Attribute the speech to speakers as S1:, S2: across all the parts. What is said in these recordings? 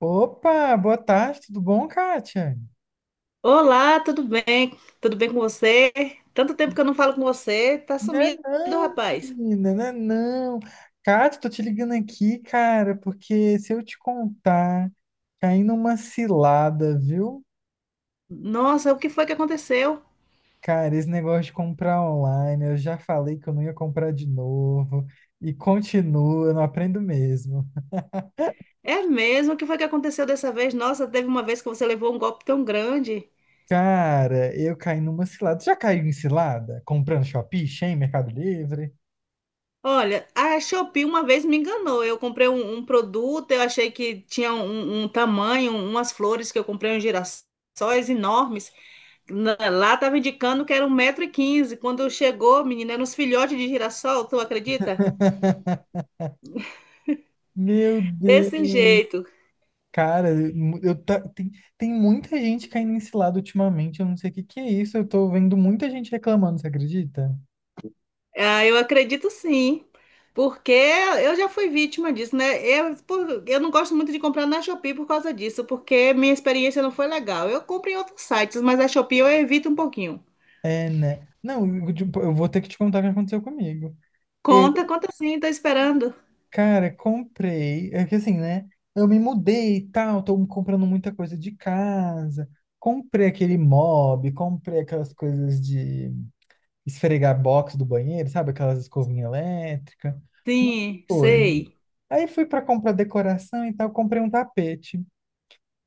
S1: Opa, boa tarde, tudo bom, Kátia?
S2: Olá, tudo bem? Tudo bem com você? Tanto tempo que eu não falo com você, tá
S1: Né
S2: sumido,
S1: não,
S2: rapaz.
S1: menina, né não. Kátia, tô te ligando aqui, cara, porque se eu te contar, caí numa cilada, viu?
S2: Nossa, o que foi que aconteceu?
S1: Cara, esse negócio de comprar online, eu já falei que eu não ia comprar de novo, e continua, eu não aprendo mesmo.
S2: É mesmo, o que foi que aconteceu dessa vez? Nossa, teve uma vez que você levou um golpe tão grande.
S1: Cara, eu caí numa cilada. Já caiu em cilada? Comprando Shopee, Shein, Mercado Livre?
S2: Olha, a Shopee uma vez me enganou. Eu comprei um produto, eu achei que tinha um tamanho, umas flores que eu comprei, uns girassóis enormes. Lá estava indicando que era 1,15 m. Quando chegou, menina, eram uns filhotes de girassol, tu acredita?
S1: Meu Deus.
S2: Desse jeito.
S1: Cara, eu tá, tem, tem muita gente caindo nesse lado ultimamente, eu não sei o que que é isso, eu tô vendo muita gente reclamando, você acredita?
S2: Ah, eu acredito, sim, porque eu já fui vítima disso, né? Eu não gosto muito de comprar na Shopee por causa disso, porque minha experiência não foi legal. Eu compro em outros sites, mas a Shopee eu evito um pouquinho.
S1: É, né? Não, eu, tipo, eu vou ter que te contar o que aconteceu comigo. Eu,
S2: Conta, conta, sim, tô esperando.
S1: cara, comprei, é que assim, né? Eu me mudei e tal, tô comprando muita coisa de casa, comprei aquele mob, comprei aquelas coisas de esfregar box do banheiro, sabe? Aquelas escovinhas elétricas, muita
S2: Sim,
S1: coisa.
S2: sei.
S1: Aí fui pra comprar decoração e tal, comprei um tapete.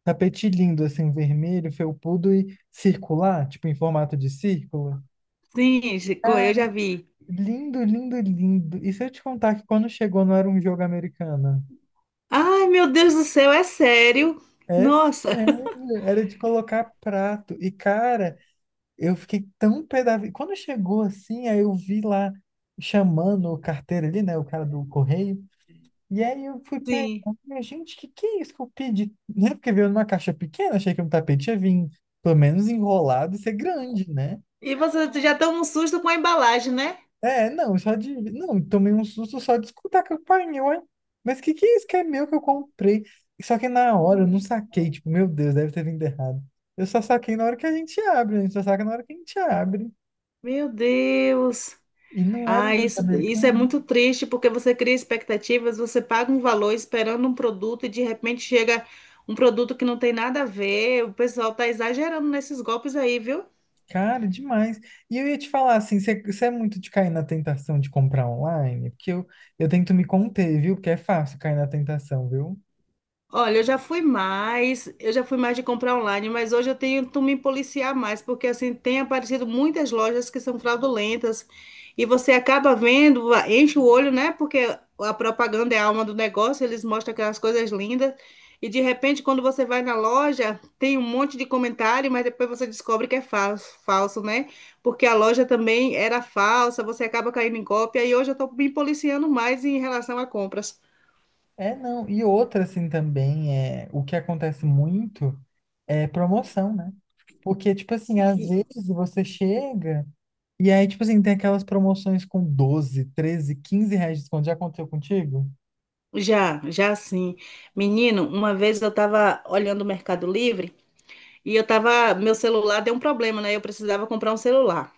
S1: Tapete lindo, assim, vermelho, felpudo e circular, tipo em formato de círculo.
S2: Sim, Chico,
S1: Ah,
S2: eu já vi.
S1: lindo, lindo, lindo. E se eu te contar que quando chegou não era um jogo americano?
S2: Ai, meu Deus do céu, é sério?
S1: É
S2: Nossa,
S1: sério, era de colocar prato. E, cara, eu fiquei tão pé da vida. Quando chegou assim, aí eu vi lá chamando o carteiro ali, né, o cara do correio. E aí eu fui pegar,
S2: sim.
S1: falei, gente, que é isso que eu pedi? Né? Porque veio numa caixa pequena, achei que um tapete ia vir, pelo menos enrolado, e ser grande, né?
S2: E você já toma um susto com a embalagem, né?
S1: É, não, só de. Não, tomei um susto só de escutar a campainha, uai. Mas que é isso que é meu que eu comprei? Só que na hora eu não saquei, tipo, meu Deus, deve ter vindo errado. Eu só saquei na hora que a gente abre, a gente só saca na hora que a gente abre.
S2: Meu Deus.
S1: E não era
S2: Ah,
S1: um jantar
S2: isso é
S1: americano.
S2: muito triste, porque você cria expectativas, você paga um valor esperando um produto e de repente chega um produto que não tem nada a ver. O pessoal tá exagerando nesses golpes aí, viu?
S1: Cara, demais. E eu ia te falar assim, você é muito de cair na tentação de comprar online? Eu tento me conter, viu? Porque é fácil cair na tentação, viu?
S2: Olha, eu já fui mais de comprar online, mas hoje eu tento me policiar mais, porque assim tem aparecido muitas lojas que são fraudulentas e você acaba vendo, enche o olho, né? Porque a propaganda é a alma do negócio, eles mostram aquelas coisas lindas e de repente quando você vai na loja, tem um monte de comentário, mas depois você descobre que é falso, falso, né? Porque a loja também era falsa, você acaba caindo em cópia e hoje eu estou me policiando mais em relação a compras.
S1: É, não. E outra, assim, também é o que acontece muito. É promoção, né? Porque, tipo assim, às vezes você chega e aí, tipo assim, tem aquelas promoções com 12, 13, R$ 15 de desconto. Já aconteceu contigo?
S2: Já, já, sim. Menino, uma vez eu tava olhando o Mercado Livre e meu celular deu um problema, né? Eu precisava comprar um celular.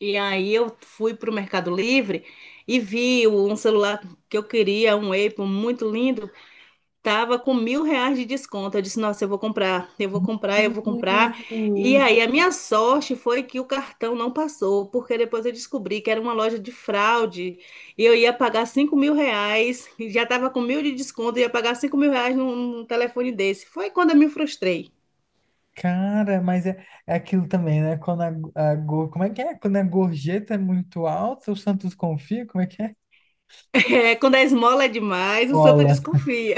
S2: E aí eu fui pro Mercado Livre e vi um celular que eu queria, um Apple muito lindo. Tava com R$ 1.000 de desconto. Eu disse, nossa, eu vou comprar, eu vou comprar, eu vou comprar. E
S1: Deus.
S2: aí, a minha sorte foi que o cartão não passou, porque depois eu descobri que era uma loja de fraude e eu ia pagar R$ 5.000, e já tava com 1.000 de desconto, ia pagar R$ 5.000 num telefone desse. Foi quando eu me frustrei.
S1: Cara, é aquilo também, né? Quando como é que é? Quando a gorjeta é muito alta, o Santos confia, como é que é?
S2: É, quando a esmola é demais, o santo
S1: Bola.
S2: desconfia.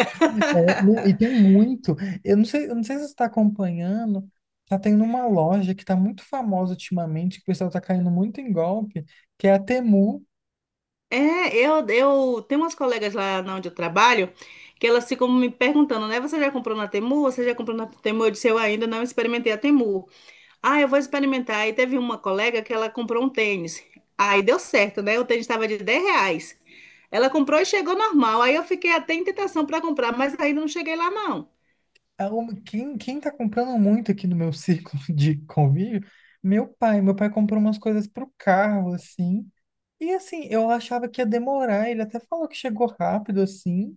S1: É, não, e tem muito. Eu não sei se você está acompanhando. Tá tendo uma loja que tá muito famosa ultimamente, que o pessoal tá caindo muito em golpe, que é a Temu.
S2: É, eu tenho umas colegas lá na onde eu trabalho que elas ficam me perguntando, né? Você já comprou na Temu? Você já comprou na Temu? Eu disse, eu ainda não experimentei a Temu. Ah, eu vou experimentar. Aí teve uma colega que ela comprou um tênis. Aí deu certo, né? O tênis estava de R$ 10. Ela comprou e chegou normal. Aí eu fiquei até em tentação para comprar, mas ainda não cheguei lá, não.
S1: Quem tá comprando muito aqui no meu círculo de convívio? Meu pai. Meu pai comprou umas coisas pro carro, assim. E assim, eu achava que ia demorar. Ele até falou que chegou rápido, assim.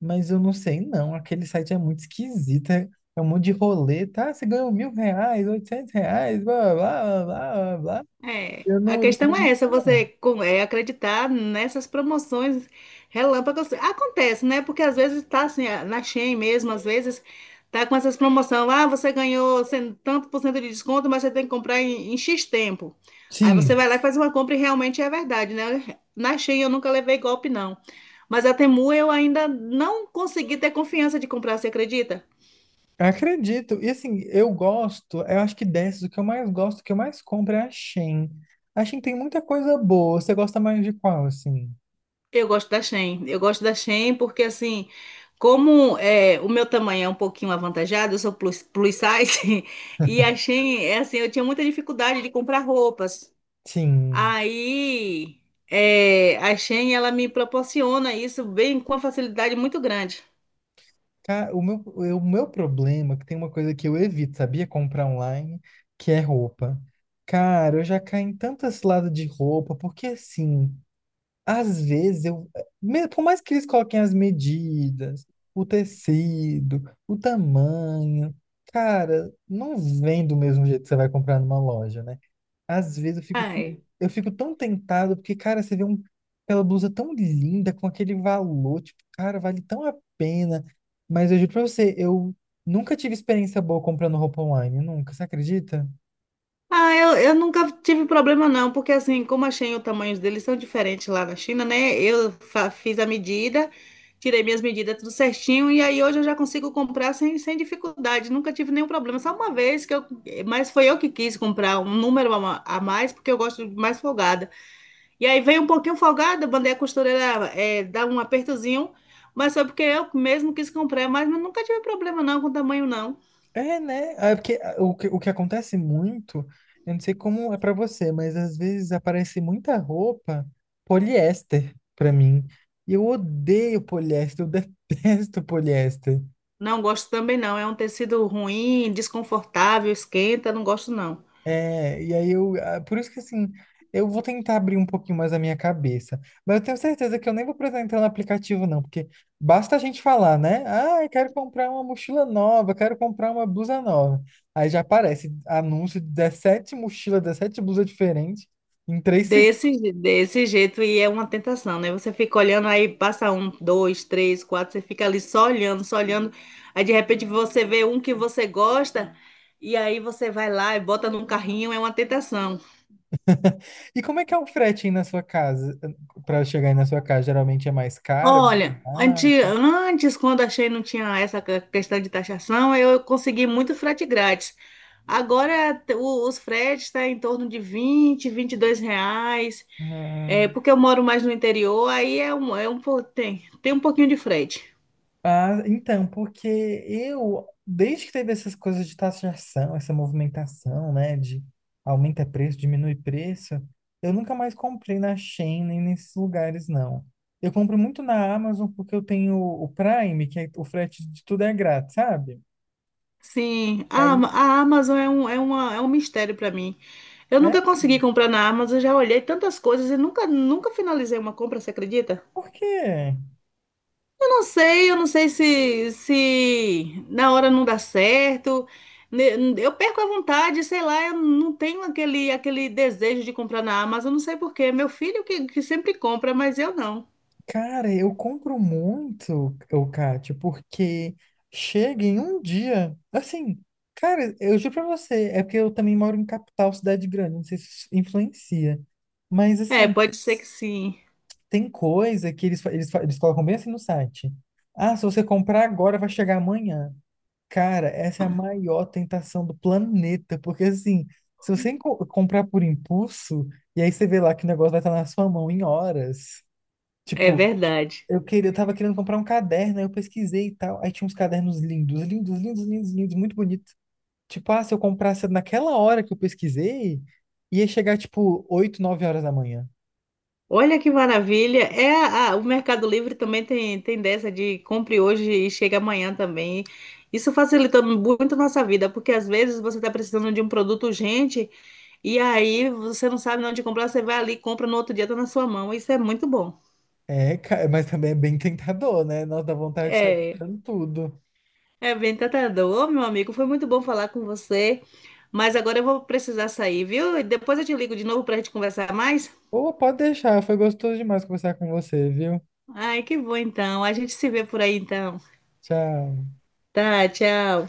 S1: Mas eu não sei, não. Aquele site é muito esquisito. É um monte de rolê, tá? Você ganhou R$ 1.000, R$ 800, blá, blá, blá, blá, blá, blá.
S2: É, a
S1: Eu
S2: questão é
S1: não
S2: essa,
S1: sei, não.
S2: acreditar nessas promoções relâmpagos. Acontece, né? Porque às vezes tá assim, na Shein mesmo, às vezes tá com essas promoções. Ah, você ganhou tanto por cento de desconto, mas você tem que comprar em X tempo. Aí você
S1: Sim.
S2: vai lá e faz uma compra e realmente é verdade, né? Na Shein eu nunca levei golpe, não. Mas a Temu eu ainda não consegui ter confiança de comprar, você acredita?
S1: Acredito. E assim, eu gosto, eu acho que dessas, o que eu mais gosto, o que eu mais compro é a Shein. A Shein tem muita coisa boa. Você gosta mais de qual, assim?
S2: Eu gosto da Shein. Eu gosto da Shein porque, assim, como é, o meu tamanho é um pouquinho avantajado, eu sou plus size, e a Shein, é assim, eu tinha muita dificuldade de comprar roupas.
S1: Sim.
S2: Aí, é, a Shein, ela me proporciona isso bem com uma facilidade muito grande.
S1: O meu problema é que tem uma coisa que eu evito, sabia? Comprar online, que é roupa. Cara, eu já caí em tantas lados de roupa, porque assim. Às vezes eu, me- por mais que eles coloquem as medidas, o tecido, o tamanho, cara, não vem do mesmo jeito que você vai comprar numa loja, né? Às vezes
S2: Ai,
S1: eu fico tão tentado, porque, cara, você vê um, aquela blusa tão linda, com aquele valor, tipo, cara, vale tão a pena. Mas eu juro pra você, eu nunca tive experiência boa comprando roupa online, nunca, você acredita?
S2: ah, eu nunca tive problema, não, porque assim, como a Shein, os tamanhos deles são diferentes lá na China, né? Eu fiz a medida, tirei minhas medidas tudo certinho, e aí hoje eu já consigo comprar sem dificuldade, nunca tive nenhum problema. Só uma vez que eu, mas foi eu que quis comprar um número a mais, porque eu gosto de mais folgada. E aí veio um pouquinho folgada, mandei a costureira dar um apertozinho, mas foi porque eu mesmo quis comprar, mas eu nunca tive problema não com o tamanho não.
S1: É, né? Ah, é porque ah, o que acontece muito, eu não sei como é pra você, mas às vezes aparece muita roupa poliéster pra mim. E eu odeio poliéster, eu detesto poliéster.
S2: Não gosto também não. É um tecido ruim, desconfortável, esquenta, não gosto não.
S1: É, e aí eu, ah, por isso que assim, eu vou tentar abrir um pouquinho mais a minha cabeça, mas eu tenho certeza que eu nem vou precisar entrar no aplicativo não, porque basta a gente falar, né? Ah, eu quero comprar uma mochila nova, quero comprar uma blusa nova. Aí já aparece anúncio de 17 mochilas, 17 blusas diferentes em 3 segundos.
S2: Desse jeito e é uma tentação, né? Você fica olhando aí, passa um, dois, três, quatro, você fica ali só olhando, só olhando. Aí de repente você vê um que você gosta e aí você vai lá e bota num carrinho, é uma tentação.
S1: E como é que é o frete aí na sua casa? Para chegar aí na sua casa, geralmente é mais caro?
S2: Olha,
S1: Ah,
S2: antes quando achei não tinha essa questão de taxação, eu consegui muito frete grátis. Agora os fretes estão em torno de vinte, R$ 22, é,
S1: né?
S2: porque eu moro mais no interior, aí tem um pouquinho de frete.
S1: Ah, então, porque eu, desde que teve essas coisas de taxação, essa movimentação, né, de aumenta preço, diminui preço, eu nunca mais comprei na Shein nem nesses lugares, não. Eu compro muito na Amazon porque eu tenho o Prime, que é, o frete de tudo é grátis, sabe?
S2: Sim,
S1: E
S2: a,
S1: aí,
S2: Ama- a Amazon é um mistério para mim. Eu
S1: é,
S2: nunca consegui comprar na Amazon, já olhei tantas coisas e nunca finalizei uma compra, você acredita?
S1: por quê?
S2: Eu não sei se na hora não dá certo. Eu perco a vontade, sei lá, eu não tenho aquele desejo de comprar na Amazon, não sei por quê. Meu filho que sempre compra, mas eu não.
S1: Cara, eu compro muito, o Kátia, porque chega em um dia, assim, cara, eu juro pra você, é porque eu também moro em capital, cidade grande, não sei se isso influencia, mas
S2: É,
S1: assim,
S2: pode ser que sim.
S1: tem coisa que eles colocam bem assim no site. Ah, se você comprar agora, vai chegar amanhã. Cara, essa é a maior tentação do planeta, porque assim, se você comprar por impulso, e aí você vê lá que o negócio vai estar na sua mão em horas.
S2: É
S1: Tipo,
S2: verdade.
S1: eu tava querendo comprar um caderno, aí eu pesquisei e tal. Aí tinha uns cadernos lindos, lindos, lindos, lindos, lindos, muito bonitos. Tipo, ah, se eu comprasse naquela hora que eu pesquisei, ia chegar tipo 8 9 horas da manhã.
S2: Olha que maravilha. É, o Mercado Livre também tem, dessa de compre hoje e chega amanhã também. Isso facilita muito a nossa vida, porque às vezes você está precisando de um produto urgente. E aí você não sabe onde comprar, você vai ali, compra no outro dia, tá na sua mão. Isso é muito bom.
S1: É, mas também é bem tentador, né? Nossa, dá vontade de sair
S2: É,
S1: comprando tudo.
S2: é bem tentador. Ô, meu amigo. Foi muito bom falar com você. Mas agora eu vou precisar sair, viu? E depois eu te ligo de novo pra gente conversar mais.
S1: Ou pode deixar, foi gostoso demais conversar com você, viu?
S2: Ai, que bom então. A gente se vê por aí então.
S1: Tchau.
S2: Tá, tchau.